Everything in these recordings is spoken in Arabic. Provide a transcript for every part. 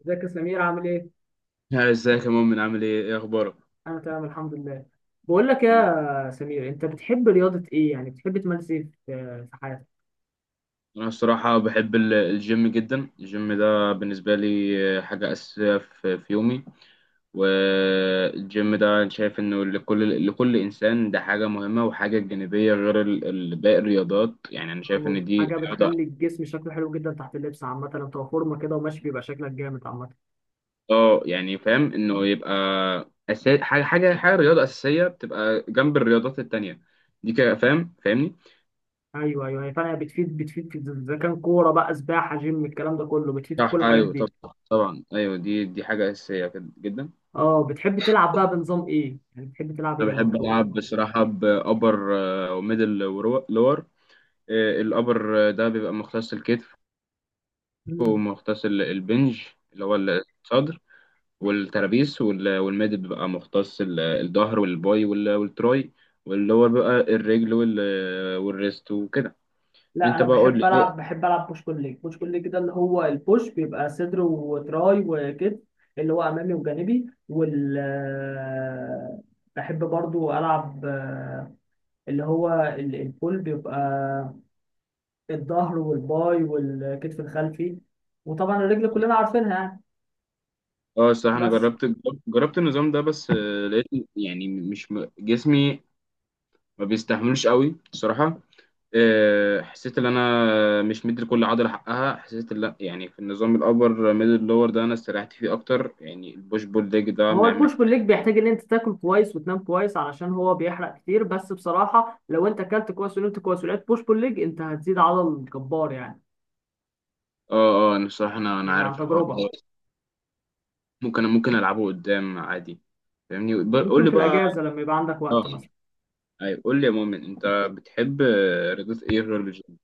ازيك يا سمير عامل ايه؟ ها، ازيك يا مؤمن عامل ايه؟ ايه اخبارك؟ انا تمام الحمد لله. بقول لك الحمد لله. يا سمير انت بتحب رياضة ايه؟ يعني بتحب تمارس ايه في حياتك؟ انا الصراحه بحب الجيم جدا. الجيم ده بالنسبه لي حاجه اساسيه في يومي. والجيم ده انا شايف انه لكل انسان ده حاجه مهمه وحاجه جانبيه غير باقي الرياضات. يعني انا شايف أو ان دي حاجة رياضه. بتخلي الجسم شكله حلو جدا تحت اللبس، عامة لو تبقى فورمة كده وماشي بيبقى شكلك جامد عامة. اه يعني فاهم انه يبقى أساسي. حاجه حاجه حاجه رياضه اساسيه بتبقى جنب الرياضات التانيه دي كده. فاهمني؟ ايوه ايوه، هي فعلا بتفيد في اذا كان كورة بقى سباحة جيم الكلام ده كله، بتفيد في صح، كل الحاجات ايوه، طب، دي. طبعا، ايوه، دي حاجه اساسيه كده جدا. اه بتحب تلعب بقى بنظام ايه؟ يعني بتحب تلعب ايه انا لما بحب بتروح؟ العب بصراحه بابر وميدل ولور. الابر ده بيبقى مختص الكتف، ومختص البنج اللي هو الصدر والترابيس، والميدل بيبقى مختص الظهر والباي والتراي، واللور بقى الرجل والريست وكده. لا انت انا بقى قول بحب لي إيه؟ العب بحب العب بوش بول ليج، بوش بول ليج ده اللي هو البوش بيبقى صدر وتراي وكتف، اللي هو امامي وجانبي وال بحب برضو العب اللي هو البول بيبقى الظهر والباي والكتف الخلفي، وطبعا الرجل كلنا عارفينها يعني. اه، الصراحه انا بس جربت النظام ده، بس لقيت يعني مش جسمي ما بيستحملوش قوي بصراحه. حسيت ان انا مش مدي لكل عضله حقها، حسيت لا، يعني في النظام الابر ميدل لور ده انا استريحت فيه اكتر، يعني البوش بول ليج ده هو البوش بول محتاج. ليج بيحتاج ان انت تاكل كويس وتنام كويس علشان هو بيحرق كتير، بس بصراحة لو انت اكلت كويس ونمت كويس ولعبت بوش بول ليج، انت هتزيد عضل جبار يعني، اه، انا الصراحه انا يعني عن عارف الحوار تجربة. ده، ممكن العبه قدام عادي، فاهمني؟ قول ممكن لي في بقى. الاجازه لما يبقى عندك اه، وقت مثلا. ايوه، قول لي يا مؤمن، انت بتحب رياضات ايه غير الجيم؟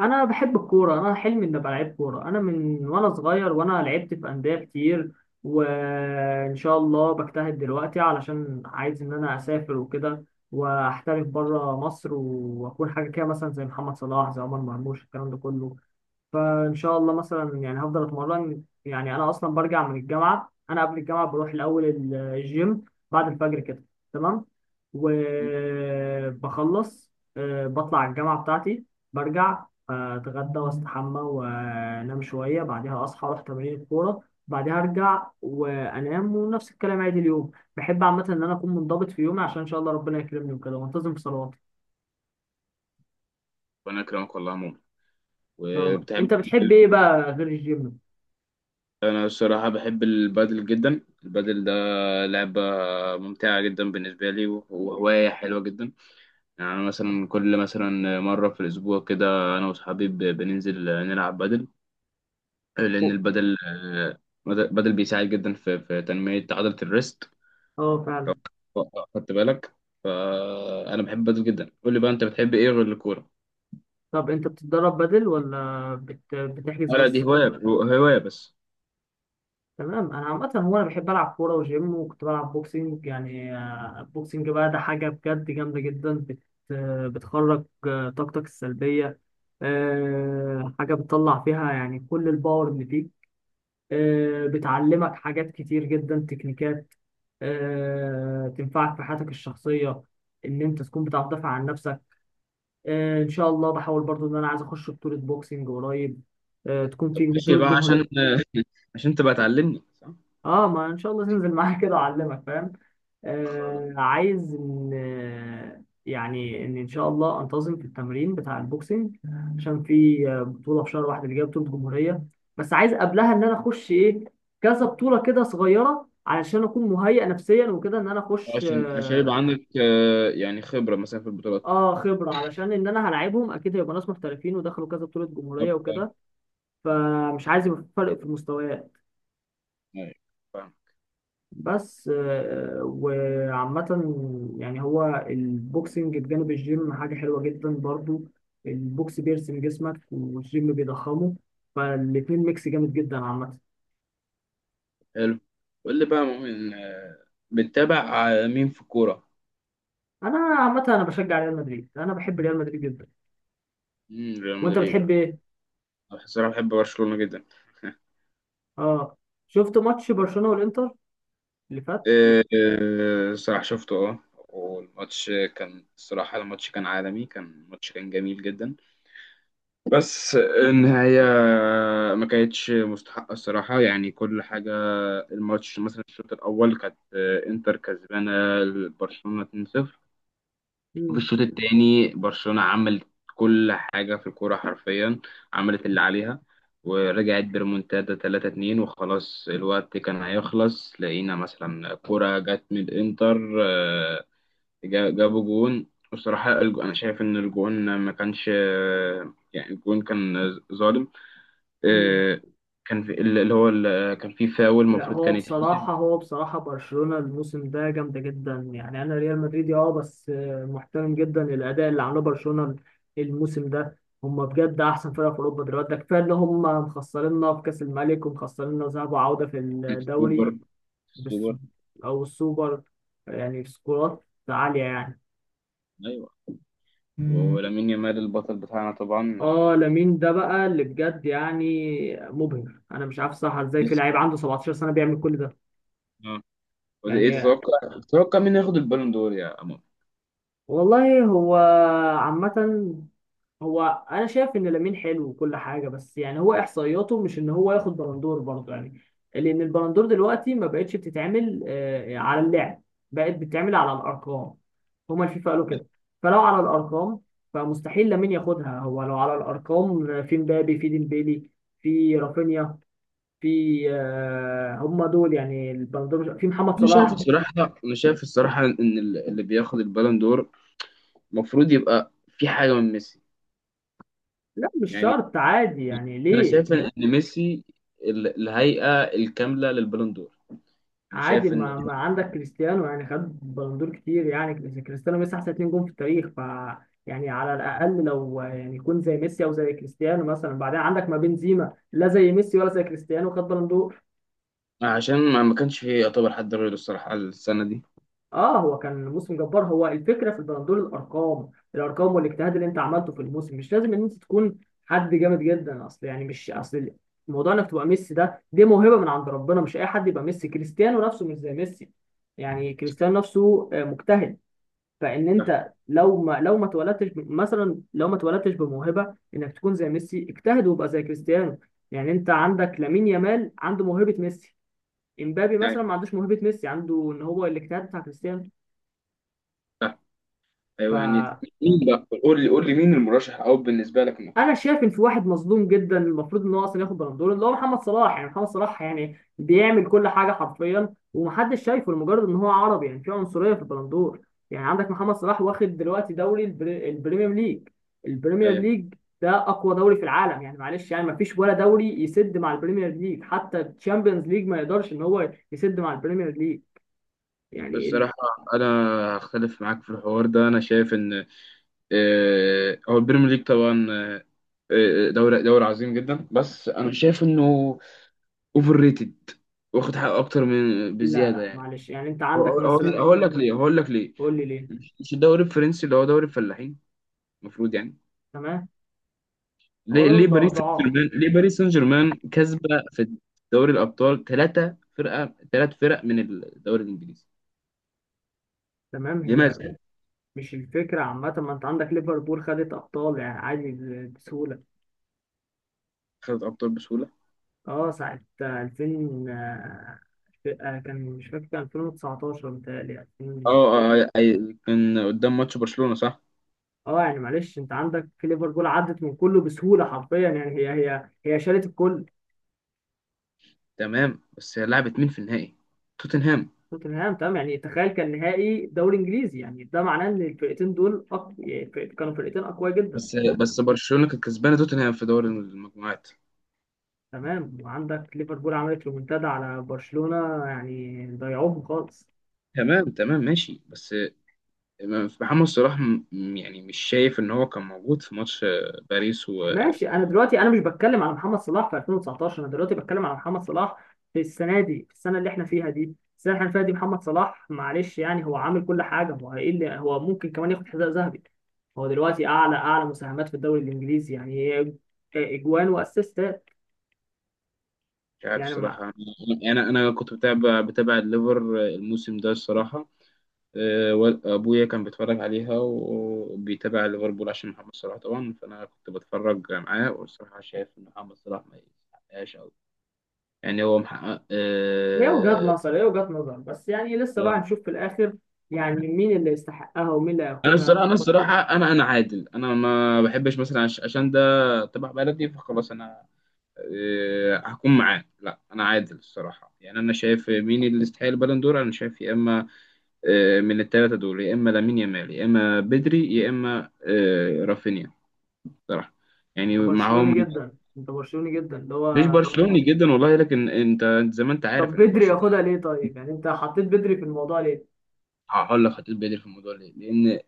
انا بحب الكوره، انا حلمي اني ابقى لعيب كوره، انا من وانا صغير وانا لعبت في انديه كتير، وان شاء الله بجتهد دلوقتي علشان عايز ان انا اسافر وكده، واحترف بره مصر واكون حاجه كده مثلا زي محمد صلاح زي عمر مرموش الكلام ده كله. فان شاء الله مثلا يعني هفضل اتمرن، يعني انا اصلا برجع من الجامعه، انا قبل الجامعه بروح الاول الجيم بعد الفجر كده، تمام، وبخلص بطلع الجامعه بتاعتي، برجع اتغدى واستحمى وانام شويه، بعدها اصحى اروح تمارين الكوره، بعدها ارجع وانام ونفس الكلام عادي اليوم. بحب عامه ان انا اكون منضبط في يومي عشان ان شاء الله ربنا يكرمني وكده وانتظم في صلواتي. وانا اكرمك والله يا مؤمن. ان شاء الله وبتحب انت إيه؟ بتحب ايه بقى غير الجيم؟ انا الصراحه بحب البادل جدا. البادل ده لعبه ممتعه جدا بالنسبه لي، وهوايه حلوه جدا. يعني أنا مثلا كل مثلا مرة في الأسبوع كده أنا وأصحابي بننزل نلعب بدل، لأن البدل، بدل بيساعد جدا في تنمية عضلة الريست، اه فعلا. خدت بالك؟ فأنا بحب بدل جدا. قول لي بقى، أنت بتحب إيه غير الكورة؟ طب انت بتتدرب بدل ولا بتحجز لا، دي بس؟ هواية بس. تمام، انا عامه هو انا بحب العب كوره وجيم، وكنت بلعب بوكسنج يعني. البوكسنج بقى ده حاجه بجد جامده جدا بتخرج طاقتك السلبيه، حاجه بتطلع فيها يعني كل الباور اللي فيك، بتعلمك حاجات كتير جدا تكنيكات، تنفعك في حياتك الشخصيه، ان انت تكون بتعرف تدافع عن نفسك. ان شاء الله بحاول برضو ان انا عايز اخش بطولة بوكسنج قريب، تكون طب في ماشي بطولة بقى جمهورية. عشان تبقى تعلمني، صح؟ اه ما ان شاء الله تنزل معايا كده اعلمك فاهم. خلاص. عايز ان يعني ان ان شاء الله انتظم في التمرين بتاع البوكسنج، عشان في بطولة في شهر واحد اللي جايه، بطولة جمهورية. بس عايز قبلها ان انا اخش ايه، كذا بطولة كده صغيرة علشان اكون مهيئ نفسيا وكده ان انا اخش عشان يبقى اه، عندك يعني خبرة مثلا في البطولات. خبرة علشان ان انا هلاعبهم اكيد هيبقى ناس محترفين ودخلوا كذا بطولة طب، جمهورية وكده، فمش عايز يبقى في فرق في المستويات. أيوة، فاهم. بس وعامة يعني هو البوكسنج بجانب الجيم حاجة حلوة جدا برضو، البوكس بيرسم جسمك والجيم بيضخمه، فالاتنين ميكس جامد جدا عامة. حلو. قول لي بقى مؤمن، بتتابع مين في الكورة؟ أنا عامة أنا بشجع ريال مدريد، أنا بحب ريال مدريد جدا. مم، ريال وأنت مدريد، بتحب آه. إيه؟ أنا الصراحة بحب برشلونة جدا. آه، شفت ماتش برشلونة والإنتر اللي فات؟ الصراحة شفته، اه، والماتش كان الصراحة، الماتش كان عالمي، كان الماتش كان جميل جدا، بس النهاية ما كانتش مستحقة الصراحة، يعني كل حاجة. الماتش مثلا الشوط الأول كانت إنتر كسبانة برشلونة 2-0. في مم. الشوط التاني برشلونة عملت كل حاجة في الكورة حرفيا، عملت اللي عليها، ورجعت بريمونتادا 3-2، وخلاص الوقت كان هيخلص، لقينا مثلا كورة جت من الإنتر، آه، جابوا جون. بصراحة أنا شايف إن الجون ما كانش، يعني الجون كان ظالم. مم. آه، كان في اللي هو، كان في فاول لا المفروض هو كان يتحسب. بصراحة، هو بصراحة برشلونة الموسم ده جامدة جدا يعني، أنا ريال مدريدي أه، بس محترم جدا الأداء اللي عمله برشلونة الموسم ده، هما بجد أحسن فرقة في أوروبا دلوقتي. ده كفاية إن هما مخسريننا في كأس الملك ومخسريننا ذهاب وعودة في سوبر الدوري. بس سوبر، أو السوبر، يعني سكورات عالية يعني. أيوه، مم. ولامين يامال البطل بتاعنا طبعا. اه لامين ده بقى اللي بجد يعني مبهر، انا مش عارف صح ازاي في لعيب عنده 17 سنه بيعمل كل ده ايه يعني. تتوقع، مين ياخد البالون دور يا امام؟ والله هو عامة، هو انا شايف ان لامين حلو وكل حاجه، بس يعني هو احصائياته مش ان هو ياخد بلندور برضه يعني. لان البلندور دلوقتي ما بقتش بتتعمل على اللعب، بقت بتتعمل على الارقام. هما الفيفا قالوا كده. فلو على الارقام، فمستحيل لامين ياخدها. هو لو على الارقام في مبابي، في ديمبيلي، في رافينيا، في هما دول يعني البلندور، في محمد انا شايف صلاح. الصراحه انا شايف الصراحه ان اللي بياخد البالون دور المفروض يبقى في حاجه من ميسي. لا مش يعني شرط عادي يعني انا ليه شايف إن ميسي الهيئه الكامله للبالون دور. انا عادي، شايف ان ما عندك كريستيانو يعني خد بلندور كتير يعني. كريستيانو ميسي احسن اتنين جون في التاريخ، ف يعني على الاقل لو يعني يكون زي ميسي او زي كريستيانو مثلا. بعدين عندك ما بنزيما لا زي ميسي ولا زي كريستيانو، خد بلندور. عشان ما كانش فيه يعتبر حد غيره الصراحه السنه دي. اه هو كان موسم جبار، هو الفكره في البلندور الارقام، الارقام والاجتهاد اللي انت عملته في الموسم، مش لازم ان انت تكون حد جامد جدا اصل، يعني مش اصل، موضوع انك تبقى ميسي ده، دي موهبه من عند ربنا، مش اي حد يبقى ميسي. كريستيانو نفسه مش زي ميسي يعني، كريستيانو نفسه مجتهد. فان صح انت لو ما اتولدتش مثلا، لو ما اتولدتش بموهبه انك تكون زي ميسي، اجتهد وابقى زي كريستيانو. يعني انت عندك لامين يامال عنده موهبه ميسي، امبابي يعني، مثلا ما عندوش موهبه ميسي، عنده ان هو الاجتهاد بتاع كريستيانو. صح، ف ايوه يعني. مين بقى، قول لي مين المرشح او بالنسبه لك انه ياخد انا البالون دور؟ شايف ان في واحد مظلوم جدا، المفروض ان هو اصلا ياخد بالون دور، اللي هو محمد صلاح. يعني محمد صلاح يعني بيعمل كل حاجه حرفيا ومحدش شايفه لمجرد ان هو عربي، يعني في عنصريه في البالون دور. يعني عندك محمد صلاح واخد دلوقتي دوري البريمير ليج، البريمير ايوه ليج ده اقوى دوري في العالم يعني، معلش يعني مفيش ولا دوري يسد مع البريمير ليج، حتى الشامبيونز ليج ما يقدرش ان هو يسد مع البريمير ليج. يعني ال... الصراحه انا هختلف معاك في الحوار ده. انا شايف ان هو البريمير ليج طبعا، دوري عظيم جدا، بس انا شايف انه اوفر ريتد، واخد حقه اكتر من لا بزياده لا يعني. معلش يعني انت عندك مثلا. هقول لك ليه، قول لي ليه. مش الدوري الفرنسي اللي هو دوري الفلاحين المفروض يعني؟ تمام. هو دوري ضعاف. ليه باريس سان جيرمان كسبه في دوري الابطال؟ ثلاث فرق من الدوري الانجليزي، تمام هي. لماذا؟ مش الفكرة عامة، ما انت عندك ليفربول خدت أبطال يعني عادي بسهولة. خدت ابطال بسهوله، اه ساعة 2000، آه، كان مش فاكر، كان 2019 متهيألي اه. 2000. كان قدام ماتش برشلونه، صح. اه يعني معلش انت عندك في ليفربول عدت من كله بسهولة حرفيا، يعني هي شالت الكل. تمام، بس لعبت مين في النهائي؟ توتنهام. توتنهام تمام، يعني تخيل كان نهائي دوري انجليزي، يعني ده معناه ان الفرقتين دول يعني كانوا فرقتين اقوياء جدا. بس برشلونة كانت كسبانة توتنهام في دوري المجموعات. تمام وعندك ليفربول عملت ريمونتادا على برشلونة يعني ضيعوهم خالص. تمام تمام، ماشي، بس محمد صلاح، يعني مش شايف ان هو كان موجود في ماتش، باريس، ومش ماشي، انا دلوقتي انا مش بتكلم على محمد صلاح في 2019، انا دلوقتي بتكلم على محمد صلاح في السنه دي، في السنه اللي احنا فيها دي، السنه اللي احنا فيها دي محمد صلاح معلش يعني هو عامل كل حاجه، هو ايه اللي هو ممكن كمان ياخد حذاء ذهبي. هو دلوقتي اعلى مساهمات في الدوري الانجليزي يعني، هي اجوان واسيستات عارف يعني ما... صراحة. انا انا أنا كنت بتابع الليفر الموسم ده الصراحة، وابويا كان بيتفرج عليها وبيتابع ليفربول عشان محمد صلاح طبعا، فانا كنت بتفرج معاه، والصراحة شايف ان محمد صلاح ما يستحقهاش قوي، يعني هو محقق هي وجهات أه، نظر، هي وجهات نظر بس يعني، لسه بقى هنشوف في الاخر يعني مين اللي يستحقها ومين اللي انا هياخدها. الصراحه، انا عادل، انا ما بحبش مثلا عشان ده تبع بلدي فخلاص انا هكون معاه، لا، انا عادل الصراحه. يعني انا شايف مين اللي يستحق البالون دور، انا شايف يا اما من الثلاثه دول، يا اما لامين يامال، يا اما بدري، يا اما رافينيا، صراحه يعني، انت برشلوني معاهم. جدا، انت برشلوني جدا اللي مش هو. برشلوني جدا والله، لكن انت زي ما انت طب عارف ان بدري برشلونه. ياخدها ليه طيب، يعني انت حطيت بدري في الموضوع ليه؟ هقول لك هتقول بدري في الموضوع ليه؟ لان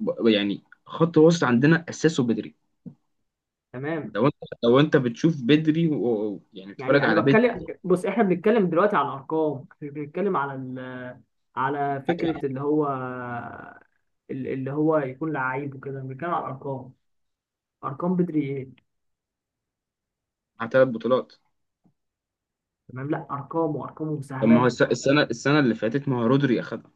يعني خط وسط عندنا اساسه بدري. تمام، لو انت، بتشوف بدري يعني بتتفرج يعني انا على بتكلم، بدري، بص احنا بنتكلم دلوقتي على الارقام، احنا بنتكلم على ال... على فكره اللي هو اللي هو يكون لعيب وكده، بنتكلم على الارقام. ارقام بدري ايه؟ مع ثلاث بطولات. تمام، لا ارقامه طب ما هو ومساهماته. السنه اللي فاتت ما هو رودري اخدها.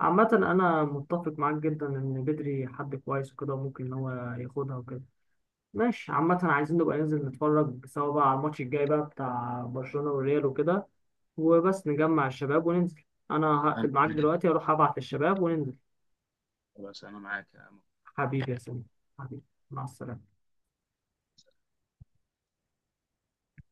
عامه انا متفق معاك جدا ان بدري حد كويس وكده وممكن ان هو ياخدها وكده. ماشي، عامه عايزين نبقى ننزل نتفرج سوا بقى على الماتش الجاي بقى بتاع برشلونه والريال وكده، وبس نجمع الشباب وننزل. انا أنا- هقفل معاك دلوقتي، اروح ابعت الشباب وننزل. خلاص، انا معاك. حبيبي يا سمير، حبيبي، مع السلامة.